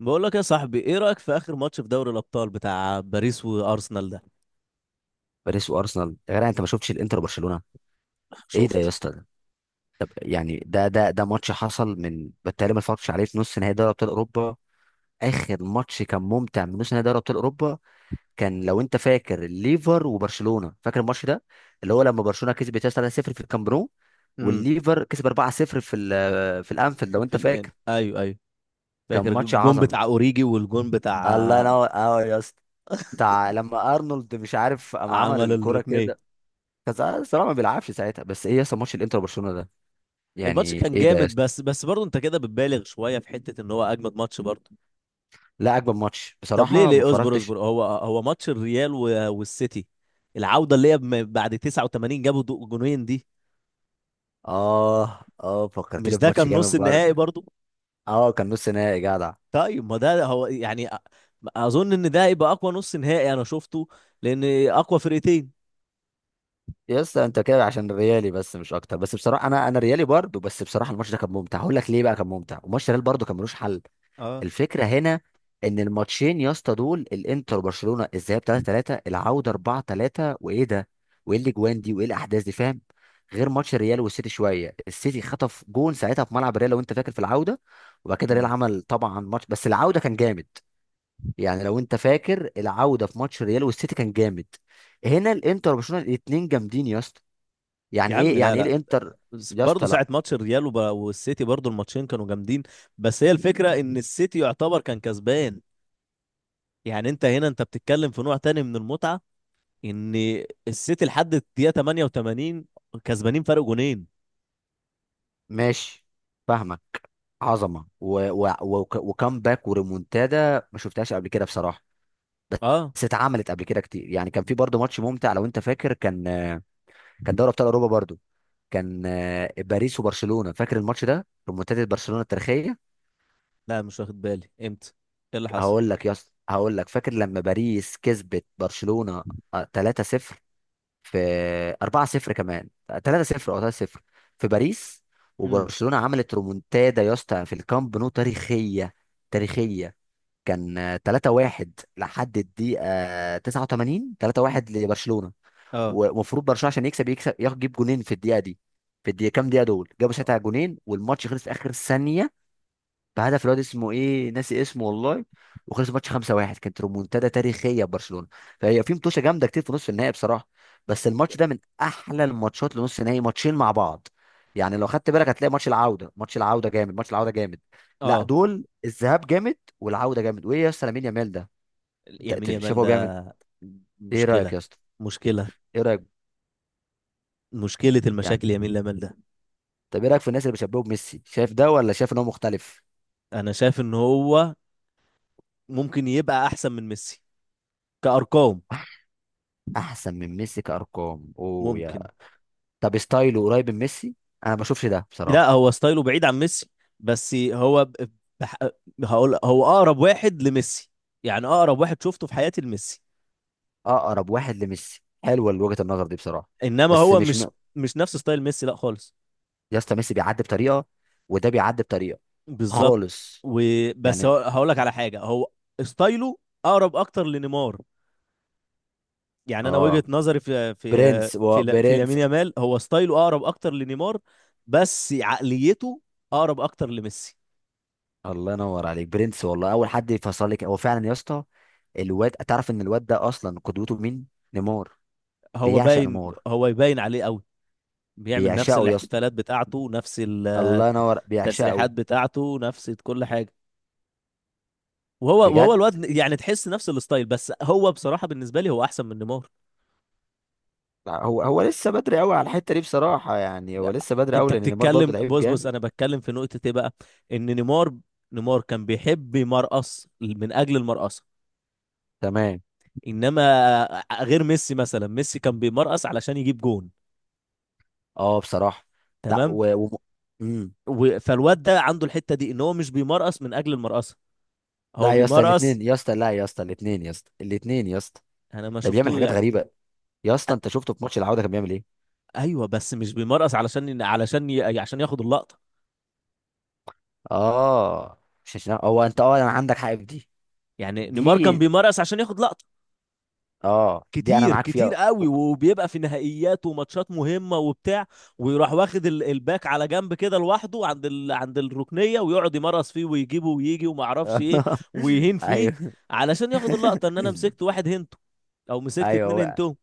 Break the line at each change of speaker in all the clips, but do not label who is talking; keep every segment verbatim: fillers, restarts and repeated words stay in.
بقول لك يا صاحبي، ايه رأيك في اخر ماتش في دوري الابطال بتاع باريس وارسنال ده؟
باريس وارسنال يا جدع، انت ما شفتش الانتر وبرشلونه؟ ايه ده يا
شفت.
اسطى ده طب يعني ده ده ده ماتش حصل، من بالتالي ما اتفرجتش عليه في نص نهائي دوري ابطال اوروبا. اخر ماتش كان ممتع من نص نهائي دوري ابطال اوروبا. كان لو انت فاكر الليفر وبرشلونه، فاكر الماتش ده؟ اللي هو لما برشلونه كسبت يا اسطى ثلاثة صفر في الكامب نو،
امم
والليفر كسب اربعة صفر في ال- في الانفيلد لو
في
انت
الان،
فاكر.
ايوه ايوه.
كان
فاكر
ماتش
الجون
عظمه.
بتاع اوريجي والجون بتاع
الله ينور اه يا اسطى. بتاع لما ارنولد مش عارف قام عمل
عمل
الكوره
الركنية.
كده. كان الصراحه ما بيلعبش ساعتها، بس ايه يا اسطى ماتش الانتر وبرشلونه ده؟
الماتش
يعني
كان
ايه ده يا
جامد،
اسطى؟
بس بس برضه انت كده بتبالغ شوية في حتة ان هو اجمد ماتش برضه.
لا، اجمل ماتش
طب ليه؟
بصراحه ما
ليه اصبر
اتفرجتش.
اصبر هو هو ماتش الريال و- والسيتي، العودة اللي هي بم- بعد تسعة وتمانين جابوا دو- جونين دي.
اه، اه، فكرتني
مش ده
بماتش
كان
جامد
نص
برضه.
النهائي برضو؟
اه، كان نص نهائي جدع.
طيب ما ده هو يعني أ- اظن ان ده هيبقى اقوى نص نهائي انا شفته، لان اقوى فرقتين.
يا اسطى انت كده عشان ريالي بس مش اكتر، بس بصراحه انا انا ريالي برضه، بس بصراحه الماتش ده كان ممتع. هقول لك ليه بقى كان ممتع، وماتش ريال برضه كان ملوش حل.
اه.
الفكره هنا ان الماتشين يا اسطى دول الانتر وبرشلونه، الذهاب ثلاثة ثلاثة، العوده اربعة ثلاثة، وايه ده وايه الاجوان دي وايه الاحداث دي فاهم؟ غير ماتش الريال والسيتي، شويه السيتي خطف جون ساعتها في ملعب الريال لو انت فاكر في العوده، وبعد كده الريال
امم
عمل طبعا ماتش، بس العوده كان جامد. يعني لو انت فاكر العوده في ماتش الريال والسيتي كان جامد. هنا الانتر وبرشلونه الاتنين جامدين يا اسطى.
يا
يعني
عم
ايه
لا
يعني ايه
لا،
الانتر؟
بس
يا
برضه
اسطى لا.
ساعة ماتش الريال وب- والسيتي برضه الماتشين كانوا جامدين. بس هي الفكرة ان السيتي يعتبر كان كسبان، يعني انت هنا انت بتتكلم في نوع تاني من المتعة، ان السيتي لحد الدقيقه تمنية وتمانين كسبانين فرق جونين.
ماشي، فاهمك. عظمه و... و... و... وكامباك وريمونتادا ما شفتهاش قبل كده بصراحه.
اه.
بس اتعملت قبل كده كتير، يعني كان في برضه ماتش ممتع لو انت فاكر. كان كان دوري ابطال اوروبا برضه. كان آه، باريس وبرشلونه، فاكر الماتش ده ريمونتادا برشلونه التاريخيه؟
لا مش واخد بالي امتى. ايه اللي حصل؟
هقول لك يا اسطى، هقول لك، فاكر لما باريس كسبت برشلونه آه، ثلاثة صفر؟ في اربعة صفر كمان. ثلاثة صفر او ثلاثة صفر في باريس.
امم
وبرشلونه عملت ريمونتادا يا اسطى في الكامب نو تاريخيه. تاريخيه. كان ثلاثة واحد لحد الدقيقة تسعة وتمانين، ثلاثة واحد لبرشلونة.
اه
ومفروض برشلونة عشان يكسب يكسب ياخد- يجيب جونين في الدقيقة دي. في الدقيقة كام، دقيقة دول جابوا ساعتها جونين، والماتش خلص في آخر ثانية بهدف الواد اسمه ايه، ناسي اسمه والله. وخلص الماتش خمسة واحد، كانت ريمونتادا تاريخيه لبرشلونه. فهي في متوشه جامده كتير في نص النهائي بصراحه. بس الماتش ده من احلى الماتشات لنص النهائي، ماتشين مع بعض. يعني لو خدت بالك هتلاقي ماتش العوده، ماتش العوده جامد، ماتش العوده جامد. لا،
اه،
دول الذهاب جامد والعوده جامد. وايه يا اسطى لامين يامال ده؟ انت
يمين
أنت شايف
يامال
هو بيعمل
ده
ايه إيه رايك
مشكله.
يا اسطى؟
مشكله.
ايه رايك؟
مشكله
يعني
المشاكل يمين يامال ده.
طب ايه رايك في الناس اللي بيشبهوا بميسي، شايف ده ولا شايف ان هو مختلف؟
انا شايف ان هو ممكن يبقى احسن من ميسي كارقام.
احسن من ميسي كارقام! اوه يا...
ممكن.
طب ستايله قريب من ميسي؟ انا ما بشوفش ده
لا،
بصراحه.
هو ستايله بعيد عن ميسي، بس هو ب... بح... هقول هو اقرب واحد لميسي، يعني اقرب واحد شفته في حياتي لميسي.
اقرب واحد لميسي، حلوه وجهه النظر دي بصراحه.
انما
بس
هو
مش
مش
م...
مش نفس ستايل ميسي لا خالص.
يا اسطى ميسي بيعدي بطريقه، وده بيعدي بطريقه
بالظبط.
خالص.
وبس هو-
يعني
هقولك على حاجه، هو ستايله اقرب اكتر لنيمار. يعني انا وجهه
اه،
نظري في في
برنس و...
في في لامين
برنس.
يامال، هو ستايله اقرب اكتر لنيمار، بس عقليته اقرب اكتر لميسي.
الله ينور عليك، برنس والله، اول حد يفصل لك هو فعلا يا اسطى. الواد، تعرف ان الواد ده اصلا قدوته مين؟ نيمار.
هو
بيعشق
باين،
نيمار.
هو يبين عليه قوي. بيعمل نفس
بيعشقه يا اسطى.
الاحتفالات بتاعته، نفس ال-
الله ينور، بيعشقه.
التسريحات بتاعته، نفس كل حاجه. وهو وهو
بجد.
الواد يعني تحس نفس الستايل، بس هو بصراحه بالنسبه لي هو احسن من نيمار.
لا، هو هو لسه بدري قوي على الحته دي بصراحه. يعني هو لسه بدري
انت
قوي لان نيمار برضه
بتتكلم؟
لعيب
بص بص،
جامد.
انا بتكلم في نقطة ايه بقى؟ ان نيمار نيمار كان بيحب يمرقص من اجل المرقصة،
تمام،
انما غير ميسي مثلا، ميسي كان بيمرقص علشان يجيب جون.
اه، بصراحه. لا
تمام.
و... و... مم.
و- فالواد ده عنده الحتة دي ان هو مش بيمرقص من اجل المرقصة، هو
لا يا اسطى
بيمرقص.
الاثنين، يا اسطى لا، يا اسطى الاثنين، يا اسطى الاثنين، يا اسطى.
انا ما
ده بيعمل
شفتوه
حاجات
يعني.
غريبه. يا اسطى
أ-
انت شفته في ماتش العوده كان بيعمل ايه؟
ايوه، بس مش بيمرقص علشان علشان ي- عشان ياخد اللقطة.
اه، مش عشان هو، انت، اه انا عندك حق في دي.
يعني نيمار
دي.
كان بيمرقص عشان ياخد لقطة
اه، دي انا
كتير،
معاك
كتير
فيها.
قوي،
وك-
وبيبقى في نهائيات وماتشات مهمة وبتاع، ويروح واخد ال- الباك على جنب كده لوحده، عند ال... عند الركنية، ويقعد يمرس فيه ويجيبه ويجي وما اعرفش ايه، ويهين فيه،
ايوه.
علشان ياخد اللقطة ان انا مسكت واحد هنتو او مسكت
ايوه
اتنين
هو.
هنتو.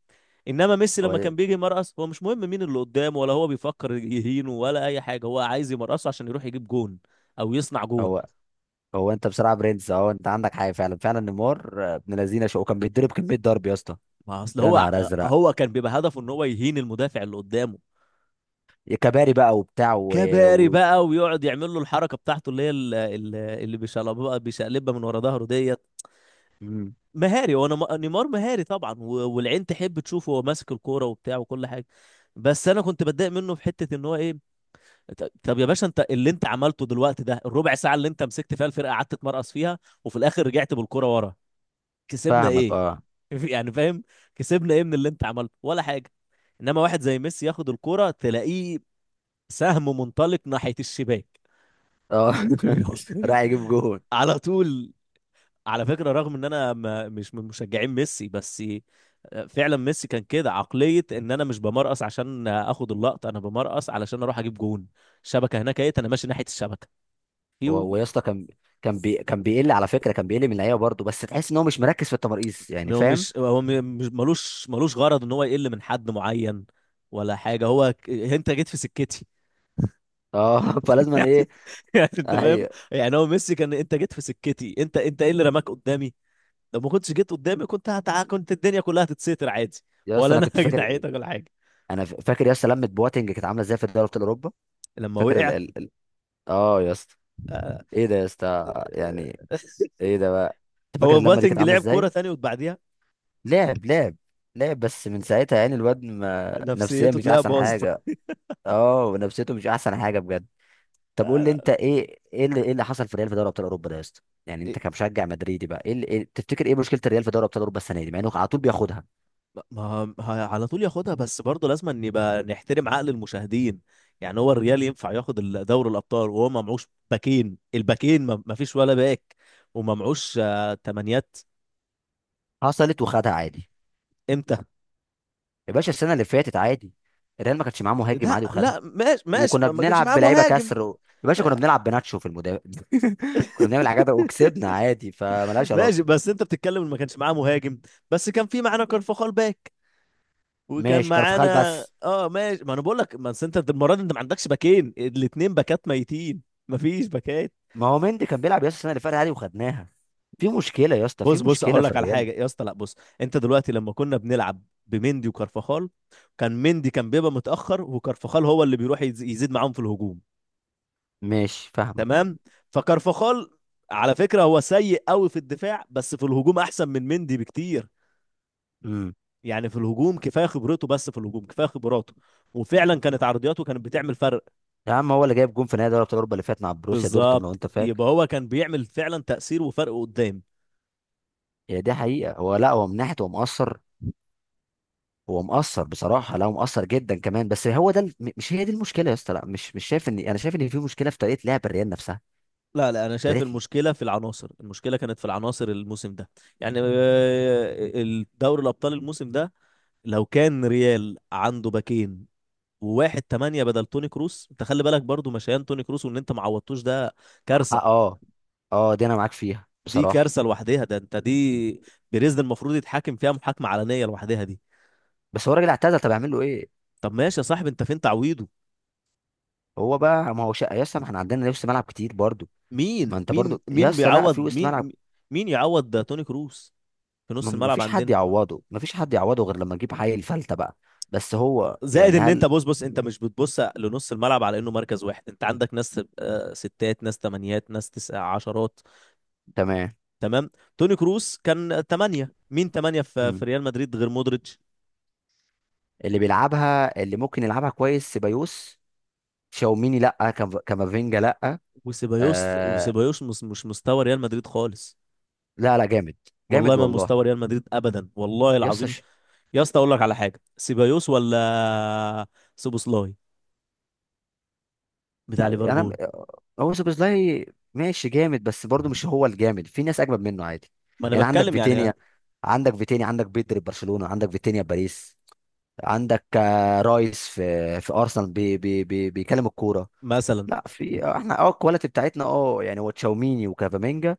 انما ميسي
هو
لما كان بيجي يمرقص، هو مش مهم مين اللي قدامه، ولا هو بيفكر يهينه ولا اي حاجة، هو عايز يمرقصه عشان يروح يجيب جون او يصنع جون.
هو هو انت بصراحه برنس اهو. انت عندك حاجه فعلا، فعلا. نيمار آه، ابن لذينه شو، كان بيتضرب كميه ضرب يا اسطى.
ما اصل
يا
هو،
نهار ازرق!
هو كان بيبقى هدفه ان هو يهين المدافع اللي قدامه.
كباري بقى وبتاع و...
كباري
و...
بقى، ويقعد يعمل له الحركه بتاعته، اللي هي ال- ال- اللي بيشقلبها، بيشقلبها من ورا ظهره ديت.
مم.
مهاري، وانا م- نيمار مهاري طبعا، و- والعين تحب تشوفه وهو ماسك الكوره وبتاع وكل حاجه. بس انا كنت بتضايق منه في حته ان هو ايه، ط- طب يا باشا، انت اللي انت عملته دلوقتي ده، الربع ساعه اللي انت مسكت فيها الفرقه قعدت تمرقص فيها، وفي الاخر رجعت بالكوره ورا، كسبنا
فاهمك
ايه؟
اه،
يعني فاهم، كسبنا ايه من اللي انت عملته؟ ولا حاجه. انما واحد زي ميسي ياخد الكوره تلاقيه سهم منطلق ناحيه الشباك.
اه. راح يجيب جون.
على طول. على فكرة، رغم ان انا ما مش من مشجعين ميسي، بس فعلا ميسي كان كده، عقلية ان انا مش بمرقص عشان اخد اللقطة، انا بمرقص علشان اروح اجيب جون. الشبكة هناك، ايه انا ماشي ناحية الشبكة.
و-
يو.
ويا اسطى كان، كان بي... كان بيقل على فكره، كان بيقل من اللعيبه برضه، بس تحس ان هو مش مركز في التماريز يعني
هو
فاهم؟
مش هو م- مش ملوش، ملوش غرض ان هو يقل من حد معين ولا حاجة. هو ك- انت جيت في سكتي.
اه، فلازم ايه.
يعني انت فاهم،
ايوه.
يعني هو ميسي كان، انت جيت في سكتي، انت انت ايه اللي رماك قدامي؟ لو ما كنتش جيت قدامي كنت هتع... كنت الدنيا كلها هتتستر عادي،
يا اسطى
ولا
انا
انا
كنت فاكر،
جنحيتك ولا حاجه.
انا ف- فاكر يا اسطى لمه بواتنج كانت عامله ازاي في دوري ابطال اوروبا.
لما
فاكر ال...
وقع.
ال... ال... اه يا اسطى.
آه،
ايه ده يا اسطى يعني؟
آه،
ايه ده بقى؟ انت فاكر
هو
اللمه دي كانت
بواتنج
عامله
لعب كوره
ازاي؟
تاني وبعديها
لعب لعب. لعب، بس من ساعتها يعني الواد ما... نفسيا
نفسيته
مش
تلاقيها
احسن
باظت.
حاجه. اه، ونفسيته مش احسن حاجه بجد. طب قول لي
آه،
انت ايه ايه اللي, ايه اللي حصل في الريال في دوري ابطال اوروبا ده يا اسطى؟ يعني
إيه،
انت كمشجع مدريدي بقى، ايه اللي إيه تفتكر ايه مشكله الريال في دوري ابطال اوروبا السنه دي مع انه على طول بياخدها؟
ما ما- ه- على طول ياخدها، بس برضه لازم ان يبقى نحترم عقل المشاهدين. يعني هو الريال ينفع ياخد ال- دوري الابطال وهو ما معوش باكين؟ الباكين ما ما فيش ولا باك، وما معوش آه، تمانيات.
حصلت وخدها عادي.
امتى؟
يا باشا السنه اللي فاتت عادي، الريال ما كانش معاه مهاجم عادي
لا
وخدها.
لا، ماشي ماشي،
وكنا
ما ما كانش
بنلعب
معاه
بلعيبه
مهاجم.
كسر و... يا باشا كنا بنلعب بناتشو في المدافع. كنا بنعمل حاجات وكسبنا عادي، فملهاش علاقه.
ماشي، بس انت بتتكلم ان ما كانش معاه مهاجم، بس كان في معانا كارفاخال باك، وكان
ماشي كارفخال
معانا.
بس.
اه ماشي، ما انا بقول لك، ما أصل انت المره دي انت ما عندكش باكين، الاتنين باكات ميتين، ما فيش باكات.
ما هو مندي كان بيلعب يا اسطى السنه اللي فاتت عادي وخدناها. في مشكله يا اسطى، في
بص بص،
مشكله
هقول
في
لك على
الريال.
حاجه يا اسطى، لا بص، انت دلوقتي لما كنا بنلعب بمندي وكارفاخال، كان مندي كان بيبقى متاخر، وكارفاخال هو اللي بيروح يز- يزيد معاهم في الهجوم.
ماشي، فاهمك.
تمام. فكارفاخال على فكره هو سيء قوي في الدفاع، بس في الهجوم احسن من مندي بكتير.
مم.
يعني في الهجوم كفايه خبرته، بس في الهجوم كفايه خبراته، وفعلا كانت عرضياته كانت بتعمل فرق.
يا عم هو اللي جايب جون في نهائي دوري ابطال اوروبا اللي فات مع بروسيا دورتموند لو
بالظبط،
انت فاكر.
يبقى هو كان بيعمل فعلا تأثير وفرق قدام.
هي دي حقيقه. هو لا، هو من ناحيه هو مقصر. هو مقصر بصراحه، لا هو مقصر جدا كمان، بس هو ده ال- م- مش هي دي المشكله يا اسطى. لا، مش مش شايف، ان انا شايف ان في مشكله في طريقه لعب الريال نفسها.
لا لا، انا شايف
طريقه.
المشكله في العناصر، المشكله كانت في العناصر الموسم ده. يعني آه، الدوري الابطال الموسم ده، لو كان ريال عنده باكين، وواحد تمانية بدل توني كروس. انت خلي بالك برضو، مشيان توني كروس، وان انت ما عوضتوش ده
اه،
كارثة.
اه، آه، دي انا معاك فيها
دي
بصراحه.
كارثة لوحدها ده. انت دي، بيريز ده المفروض يتحاكم فيها محاكمة علنية لوحدها دي.
بس هو راجل اعتزل، طب اعمل له ايه؟
طب ماشي يا صاحبي، انت فين تعويضه؟
هو بقى، ما هو شقه يا اسطى. ما احنا عندنا وسط ملعب كتير برضو. ما
مين
انت
مين
برضو يا
مين
اسطى لا، في
بيعوض
وسط ملعب.
مين؟ مين يعوض ده؟ توني كروس في
ما
نص
ما
الملعب
فيش حد
عندنا؟
يعوضه، ما فيش حد يعوضه غير لما نجيب حي الفلته بقى. بس هو
زائد
يعني
ان انت،
هل...
بص بص، انت مش بتبص لنص الملعب على انه مركز واحد، انت عندك ناس آه، ستات، ناس تمانيات، ناس تسع عشرات.
تمام.
تمام. توني كروس كان تمانية، مين تمانية في في ريال مدريد غير مودريتش
اللي بيلعبها، اللي ممكن يلعبها كويس سيبايوس. شاوميني لا، كام- كامافينجا لا.
وسيبايوس؟
آه.
وسيبايوس مس- مش مستوى ريال مدريد خالص،
لا، لا، جامد.
والله
جامد
ما
والله.
مستوى ريال مدريد ابدا، والله
يس
العظيم.
ش...
يا اسطى اقول لك على حاجه، سيبايوس ولا سوبوسلاي بتاع
انا م-
ليفربول؟
هو سوبوزلاي. ماشي جامد، بس برضه مش هو الجامد، في ناس اجمد منه عادي.
ما انا
يعني عندك
بتكلم يعني،
فيتينيا. عندك فيتينيا، عندك بيدري في برشلونة، عندك فيتينيا في باريس. عندك آه، رايس في في ارسنال بي بي بي بيكلم الكوره.
مثلا
لا، في آه، احنا اه الكواليتي بتاعتنا، اه يعني هو تشاوميني وكافامينجا.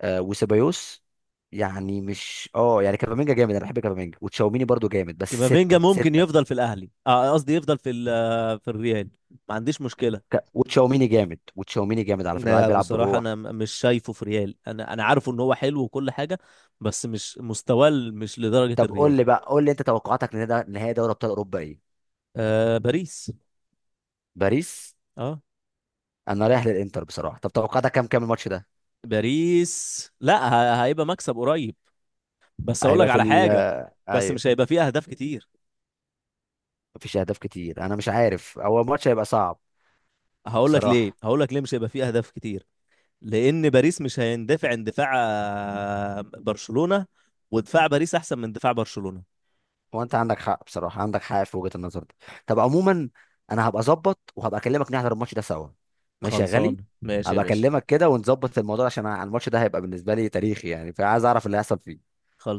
آه، وسيبايوس. يعني مش اه يعني كافامينجا جامد، انا بحب كافامينجا، وتشاوميني برضو جامد، بس
كامافينجا
ستة
ممكن
ستة.
يفضل في الاهلي، آه، قصدي يفضل في ال- آه، في الريال، ما عنديش مشكله.
ك... وتشاوميني جامد، وتشاوميني جامد على فكرة، قاعد
لا
بيلعب
بصراحه
بروح.
انا م- مش شايفه في ريال، انا انا عارفه ان هو حلو وكل حاجه، بس مش مستواه ال- مش لدرجه
طب قول
الريال.
لي بقى، قول لي انت توقعاتك لنهائي نهائي دوري ابطال اوروبا ايه؟
آه باريس.
باريس.
اه،
انا رايح للانتر بصراحة. طب توقعاتك كام، كام الماتش ده؟
باريس. لا ه- هيبقى مكسب قريب، بس اقول لك
هيبقى في
على
ال
حاجه،
آه،
بس
ايوه.
مش هيبقى فيه اهداف كتير.
مفيش اهداف كتير، انا مش عارف، هو الماتش هيبقى صعب
هقول لك ليه،
بصراحة.
هقول لك ليه مش هيبقى فيه اهداف كتير. لان باريس مش هيندفع اندفاع آه، برشلونة، ودفاع باريس احسن من دفاع برشلونة.
هو انت عندك حق بصراحه، عندك حق في وجهه النظر دي. طب عموما، انا هبقى اظبط وهبقى اكلمك نحضر الماتش ده سوا. ماشي يا غالي.
خلصان ماشي يا
هبقى
باشا.
اكلمك كده ونظبط الموضوع عشان أنا- الماتش ده هيبقى بالنسبه لي تاريخي، يعني فعايز اعرف اللي هيحصل فيه.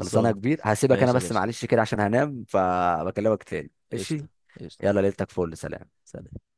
خلصانه يا كبير، هسيبك انا
ماشي يا
بس
باشا.
معلش كده عشان هنام، فبكلمك تاني ماشي.
قشطة. قشطة.
يلا، ليلتك فل، سلام.
سلام.